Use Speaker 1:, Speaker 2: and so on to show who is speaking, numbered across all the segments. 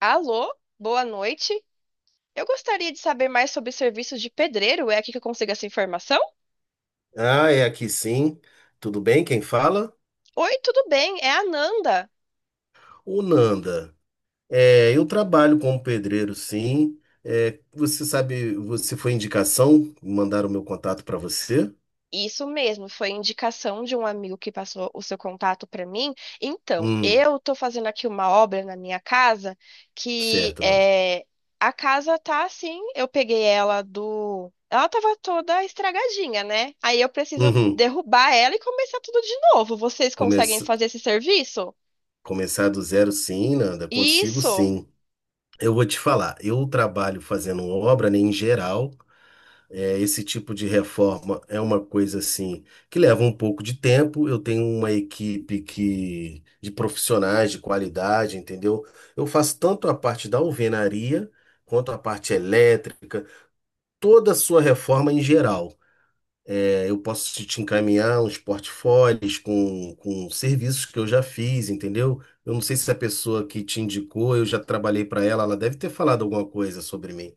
Speaker 1: Alô, boa noite. Eu gostaria de saber mais sobre serviços de pedreiro. É aqui que eu consigo essa informação?
Speaker 2: Ah, é aqui sim. Tudo bem? Quem fala?
Speaker 1: Oi, tudo bem? É a Nanda.
Speaker 2: O Nanda. É, eu trabalho como pedreiro, sim. É, você sabe, você foi indicação? Mandaram meu contato para você?
Speaker 1: Isso mesmo, foi indicação de um amigo que passou o seu contato para mim. Então,
Speaker 2: Hum,
Speaker 1: eu estou fazendo aqui uma obra na minha casa que
Speaker 2: certo, Nanda.
Speaker 1: é, a casa tá assim, eu peguei ela do. Ela tava toda estragadinha, né? Aí eu preciso
Speaker 2: Uhum.
Speaker 1: derrubar ela e começar tudo de novo. Vocês conseguem
Speaker 2: Comece-
Speaker 1: fazer esse serviço?
Speaker 2: Começar do zero, sim, Nanda. Consigo,
Speaker 1: Isso.
Speaker 2: sim. Eu vou te falar. Eu trabalho fazendo obra, né, em geral. É, esse tipo de reforma é uma coisa assim que leva um pouco de tempo. Eu tenho uma equipe que de profissionais de qualidade, entendeu? Eu faço tanto a parte da alvenaria quanto a parte elétrica, toda a sua reforma em geral. É, eu posso te encaminhar uns portfólios com serviços que eu já fiz, entendeu? Eu não sei se a pessoa que te indicou, eu já trabalhei para ela, ela deve ter falado alguma coisa sobre mim.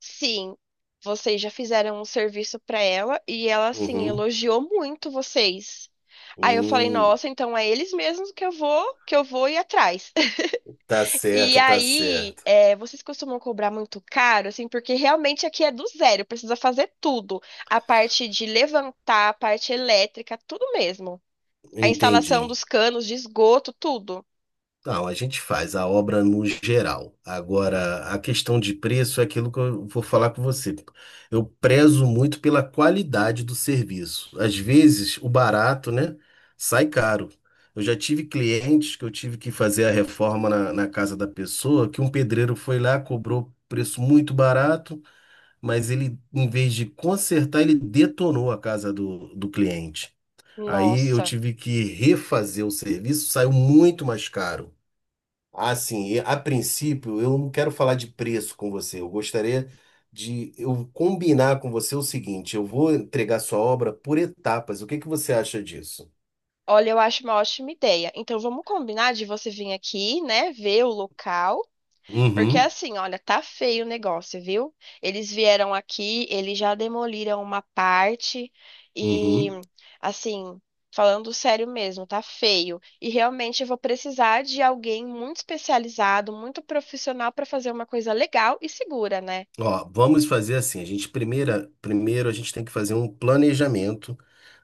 Speaker 1: Sim, vocês já fizeram um serviço pra ela e ela, assim,
Speaker 2: Uhum.
Speaker 1: elogiou muito vocês. Aí eu falei,
Speaker 2: Hum,
Speaker 1: nossa, então é eles mesmos que eu vou ir atrás.
Speaker 2: tá
Speaker 1: E
Speaker 2: certo, tá
Speaker 1: aí,
Speaker 2: certo.
Speaker 1: é, vocês costumam cobrar muito caro, assim, porque realmente aqui é do zero, precisa fazer tudo. A parte de levantar, a parte elétrica, tudo mesmo. A instalação
Speaker 2: Entendi.
Speaker 1: dos canos de esgoto, tudo.
Speaker 2: Não, a gente faz a obra no geral. Agora, a questão de preço é aquilo que eu vou falar com você. Eu prezo muito pela qualidade do serviço. Às vezes, o barato, né, sai caro. Eu já tive clientes que eu tive que fazer a reforma na casa da pessoa, que um pedreiro foi lá, cobrou preço muito barato, mas ele, em vez de consertar, ele detonou a casa do cliente. Aí eu
Speaker 1: Nossa,
Speaker 2: tive que refazer o serviço, saiu muito mais caro. Assim, e a princípio, eu não quero falar de preço com você. Eu gostaria de eu combinar com você o seguinte: eu vou entregar sua obra por etapas. O que que você acha disso?
Speaker 1: olha, eu acho uma ótima ideia. Então vamos combinar de você vir aqui, né, ver o local. Porque
Speaker 2: Uhum,
Speaker 1: assim, olha, tá feio o negócio, viu? Eles vieram aqui, eles já demoliram uma parte e,
Speaker 2: uhum.
Speaker 1: assim, falando sério mesmo, tá feio. E realmente eu vou precisar de alguém muito especializado, muito profissional para fazer uma coisa legal e segura, né?
Speaker 2: Ó, vamos fazer assim. A gente primeiro a gente tem que fazer um planejamento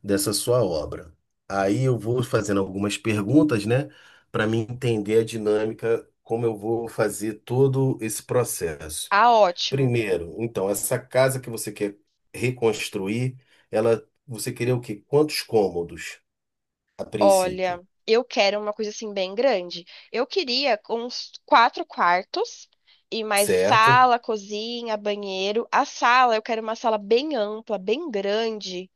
Speaker 2: dessa sua obra. Aí eu vou fazendo algumas perguntas, né, para me entender a dinâmica, como eu vou fazer todo esse processo.
Speaker 1: Ah, ótimo.
Speaker 2: Primeiro, então, essa casa que você quer reconstruir, ela, você queria o quê? Quantos cômodos a
Speaker 1: Olha,
Speaker 2: princípio?
Speaker 1: eu quero uma coisa assim bem grande. Eu queria uns quatro quartos e mais
Speaker 2: Certo?
Speaker 1: sala, cozinha, banheiro. A sala, eu quero uma sala bem ampla, bem grande.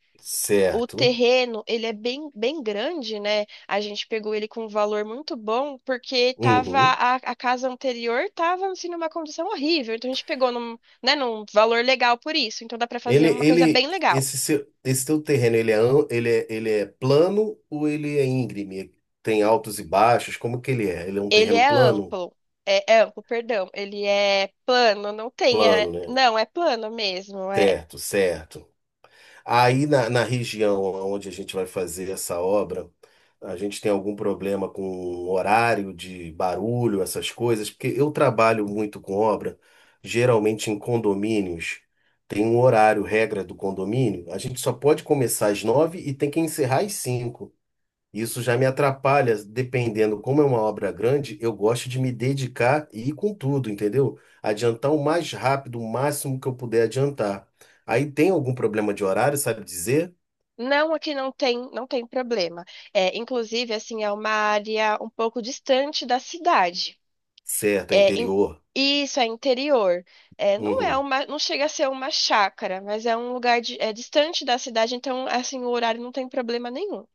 Speaker 1: O
Speaker 2: Certo.
Speaker 1: terreno, ele é bem, bem grande, né? A gente pegou ele com um valor muito bom, porque tava
Speaker 2: Uhum.
Speaker 1: a casa anterior tava assim, numa condição horrível. Então a gente pegou num, né, num valor legal por isso. Então dá para
Speaker 2: Ele,
Speaker 1: fazer uma coisa bem
Speaker 2: ele,
Speaker 1: legal.
Speaker 2: esse seu, esse teu terreno, ele é, ele é, ele é plano ou ele é íngreme? Tem altos e baixos? Como que ele é? Ele é um
Speaker 1: Ele
Speaker 2: terreno
Speaker 1: é
Speaker 2: plano?
Speaker 1: amplo. É, é amplo, perdão. Ele é plano, não tem.
Speaker 2: Plano,
Speaker 1: É-
Speaker 2: né?
Speaker 1: não, é plano mesmo. É.
Speaker 2: Certo, certo. Aí na região onde a gente vai fazer essa obra, a gente tem algum problema com horário de barulho, essas coisas? Porque eu trabalho muito com obra, geralmente em condomínios. Tem um horário, regra do condomínio. A gente só pode começar às nove e tem que encerrar às cinco. Isso já me atrapalha, dependendo como é uma obra grande, eu gosto de me dedicar e ir com tudo, entendeu? Adiantar o mais rápido, o máximo que eu puder adiantar. Aí tem algum problema de horário, sabe dizer?
Speaker 1: Não, aqui não tem, não tem problema. É, inclusive, assim, é uma área um pouco distante da cidade.
Speaker 2: Certo, é
Speaker 1: É, in-
Speaker 2: interior.
Speaker 1: isso é interior. É, não é
Speaker 2: Uhum.
Speaker 1: uma, não chega a ser uma chácara, mas é um lugar de- é distante da cidade, então, assim, o horário não tem problema nenhum.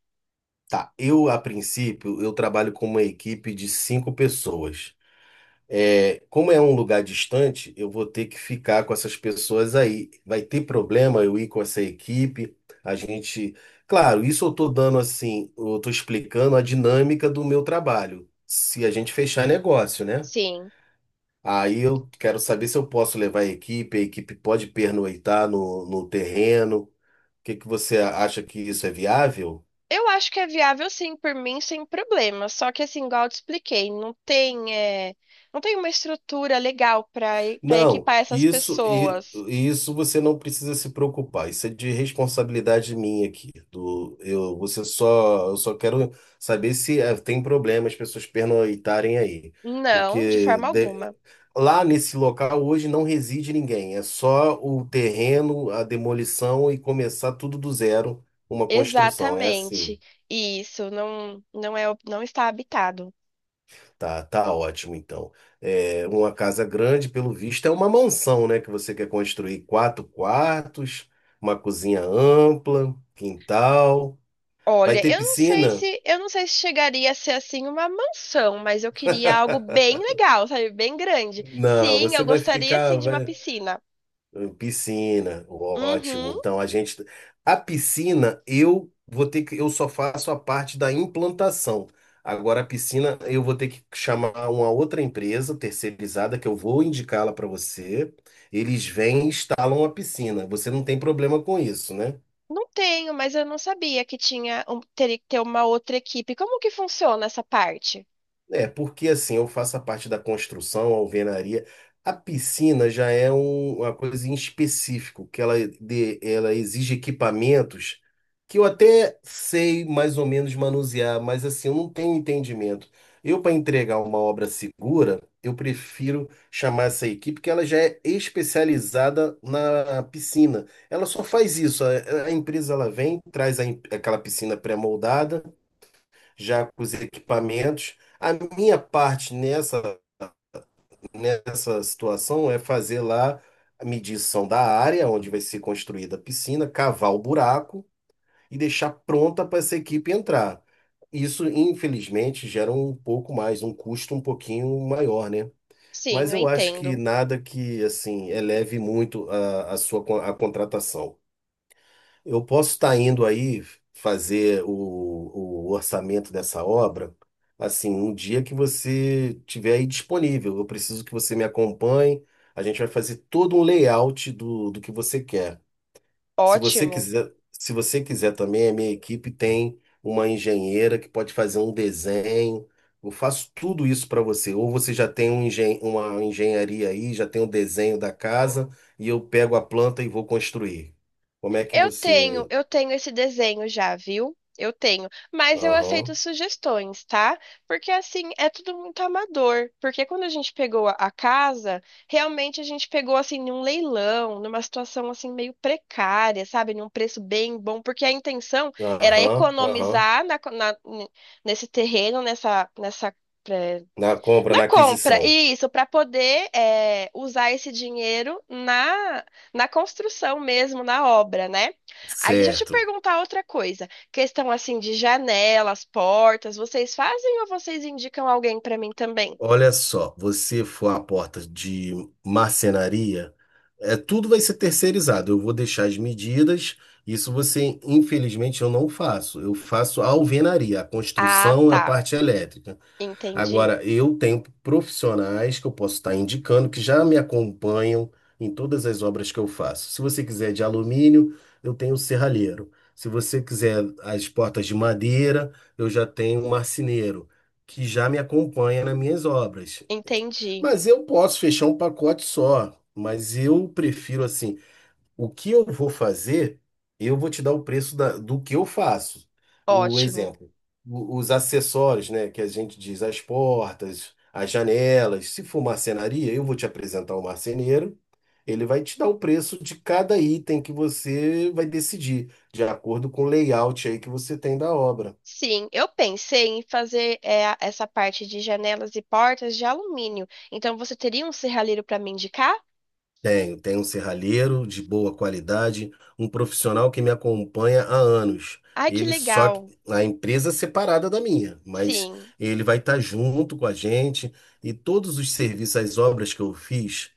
Speaker 2: Tá, eu a princípio, eu trabalho com uma equipe de cinco pessoas. É, como é um lugar distante, eu vou ter que ficar com essas pessoas aí. Vai ter problema eu ir com essa equipe? A gente. Claro, isso eu estou dando assim, eu estou explicando a dinâmica do meu trabalho. Se a gente fechar negócio, né?
Speaker 1: Sim.
Speaker 2: Aí eu quero saber se eu posso levar a equipe pode pernoitar no terreno. O que que você acha que isso é viável?
Speaker 1: Eu acho que é viável sim, por mim, sem problema. Só que assim, igual eu te expliquei, não tem, é, não tem uma estrutura legal para
Speaker 2: Não,
Speaker 1: equipar essas pessoas.
Speaker 2: isso você não precisa se preocupar. Isso é de responsabilidade minha aqui. Do eu, você só, eu só quero saber se tem problema as pessoas pernoitarem aí,
Speaker 1: Não, de
Speaker 2: porque
Speaker 1: forma alguma.
Speaker 2: lá nesse local hoje não reside ninguém. É só o terreno, a demolição e começar tudo do zero, uma construção. É assim.
Speaker 1: Exatamente. Isso não não é não está habitado.
Speaker 2: Tá, tá ótimo, então. É, uma casa grande, pelo visto, é uma mansão, né? Que você quer construir quatro quartos, uma cozinha ampla, quintal. Vai
Speaker 1: Olha,
Speaker 2: ter
Speaker 1: eu não sei
Speaker 2: piscina?
Speaker 1: se eu não sei se chegaria a ser assim uma mansão, mas eu queria algo bem legal, sabe? Bem grande.
Speaker 2: Não,
Speaker 1: Sim,
Speaker 2: você
Speaker 1: eu
Speaker 2: vai
Speaker 1: gostaria
Speaker 2: ficar.
Speaker 1: sim de uma piscina.
Speaker 2: Piscina, ótimo.
Speaker 1: Uhum.
Speaker 2: Então a gente, a piscina eu vou ter que, eu só faço a parte da implantação. Agora a piscina eu vou ter que chamar uma outra empresa terceirizada que eu vou indicá-la para você. Eles vêm e instalam a piscina. Você não tem problema com isso, né?
Speaker 1: Não tenho, mas eu não sabia que tinha um- teria que ter uma outra equipe. Como que funciona essa parte?
Speaker 2: É, porque assim, eu faço a parte da construção, alvenaria. A piscina já é uma coisa em específico, que ela, ela exige equipamentos que eu até sei mais ou menos manusear, mas assim, eu não tenho entendimento. Eu, para entregar uma obra segura, eu prefiro chamar essa equipe, que ela já é especializada na piscina. Ela só faz isso. A empresa ela vem, traz a aquela piscina pré-moldada já com os equipamentos. A minha parte nessa situação é fazer lá a medição da área onde vai ser construída a piscina, cavar o buraco e deixar pronta para essa equipe entrar. Isso, infelizmente, gera um pouco mais, um custo um pouquinho maior, né?
Speaker 1: Sim,
Speaker 2: Mas
Speaker 1: eu
Speaker 2: eu acho que
Speaker 1: entendo.
Speaker 2: nada que, assim, eleve muito a sua a contratação. Eu posso estar indo aí fazer o orçamento dessa obra, assim, um dia que você tiver aí disponível. Eu preciso que você me acompanhe. A gente vai fazer todo um layout do que você quer.
Speaker 1: Ótimo.
Speaker 2: Se você quiser também, a minha equipe tem uma engenheira que pode fazer um desenho. Eu faço tudo isso para você. Ou você já tem um engen uma engenharia aí, já tem o desenho da casa, e eu pego a planta e vou construir. Como é que você
Speaker 1: Eu tenho esse desenho já, viu? Eu tenho, mas eu aceito
Speaker 2: Aham,
Speaker 1: sugestões, tá? Porque assim, é tudo muito amador. Porque quando a gente pegou a casa, realmente a gente pegou assim num leilão, numa situação assim meio precária, sabe? Num preço bem bom, porque a intenção era
Speaker 2: aham, aham.
Speaker 1: economizar na co- na- n- nesse terreno, nessa, nessa eh,
Speaker 2: Na compra,
Speaker 1: na
Speaker 2: na
Speaker 1: compra,
Speaker 2: aquisição.
Speaker 1: isso, para poder é, usar esse dinheiro na, na construção mesmo, na obra, né? Aí deixa eu te
Speaker 2: Certo.
Speaker 1: perguntar outra coisa. Questão assim de janelas, portas, vocês fazem ou vocês indicam alguém para mim também?
Speaker 2: Olha só, você for à porta de marcenaria, tudo vai ser terceirizado. Eu vou deixar as medidas. Isso você, infelizmente, eu não faço. Eu faço a alvenaria, a
Speaker 1: Ah,
Speaker 2: construção, a
Speaker 1: tá.
Speaker 2: parte elétrica.
Speaker 1: Entendi.
Speaker 2: Agora, eu tenho profissionais que eu posso estar indicando que já me acompanham em todas as obras que eu faço. Se você quiser de alumínio, eu tenho o serralheiro. Se você quiser as portas de madeira, eu já tenho o marceneiro, que já me acompanha nas minhas obras.
Speaker 1: Entendi.
Speaker 2: Mas eu posso fechar um pacote só, mas eu prefiro assim. O que eu vou fazer, eu vou te dar o preço do que eu faço. O
Speaker 1: Ótimo.
Speaker 2: exemplo, os acessórios, né, que a gente diz, as portas, as janelas. Se for marcenaria, eu vou te apresentar o marceneiro. Ele vai te dar o preço de cada item que você vai decidir, de acordo com o layout aí que você tem da obra.
Speaker 1: Sim, eu pensei em fazer é, a- essa parte de janelas e portas de alumínio. Então você teria um serralheiro para me indicar?
Speaker 2: Tenho, tenho um serralheiro de boa qualidade, um profissional que me acompanha há anos.
Speaker 1: Ai, que
Speaker 2: Ele só que-
Speaker 1: legal.
Speaker 2: a empresa é separada da minha, mas
Speaker 1: Sim.
Speaker 2: ele vai estar junto com a gente e todos os serviços, as obras que eu fiz,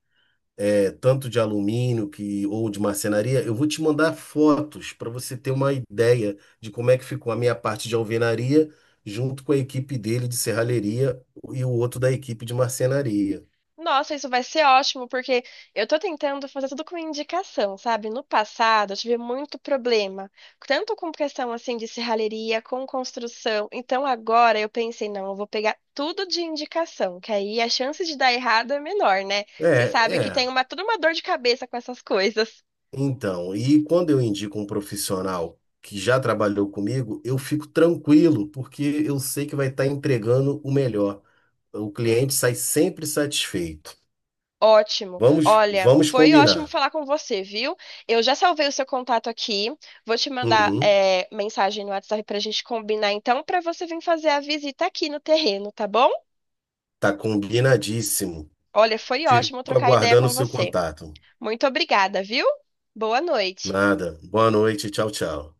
Speaker 2: tanto de alumínio que ou de marcenaria, eu vou te mandar fotos para você ter uma ideia de como é que ficou a minha parte de alvenaria junto com a equipe dele de serralheria e o outro da equipe de marcenaria.
Speaker 1: Nossa, isso vai ser ótimo, porque eu tô tentando fazer tudo com indicação, sabe? No passado, eu tive muito problema, tanto com questão assim de serralheria, com construção. Então agora eu pensei, não, eu vou pegar tudo de indicação, que aí a chance de dar errado é menor, né? Você
Speaker 2: É,
Speaker 1: sabe que tem
Speaker 2: é.
Speaker 1: uma toda uma dor de cabeça com essas coisas.
Speaker 2: Então, e quando eu indico um profissional que já trabalhou comigo, eu fico tranquilo, porque eu sei que vai estar entregando o melhor. O cliente sai sempre satisfeito.
Speaker 1: Ótimo.
Speaker 2: Vamos,
Speaker 1: Olha,
Speaker 2: vamos
Speaker 1: foi ótimo
Speaker 2: combinar.
Speaker 1: falar com você, viu? Eu já salvei o seu contato aqui. Vou te mandar
Speaker 2: Uhum,
Speaker 1: é, mensagem no WhatsApp para a gente combinar, então, para você vir fazer a visita aqui no terreno, tá bom?
Speaker 2: tá combinadíssimo.
Speaker 1: Olha, foi ótimo
Speaker 2: Fico
Speaker 1: trocar ideia
Speaker 2: aguardando o
Speaker 1: com
Speaker 2: seu
Speaker 1: você.
Speaker 2: contato.
Speaker 1: Muito obrigada, viu? Boa noite.
Speaker 2: Nada. Boa noite. Tchau, tchau.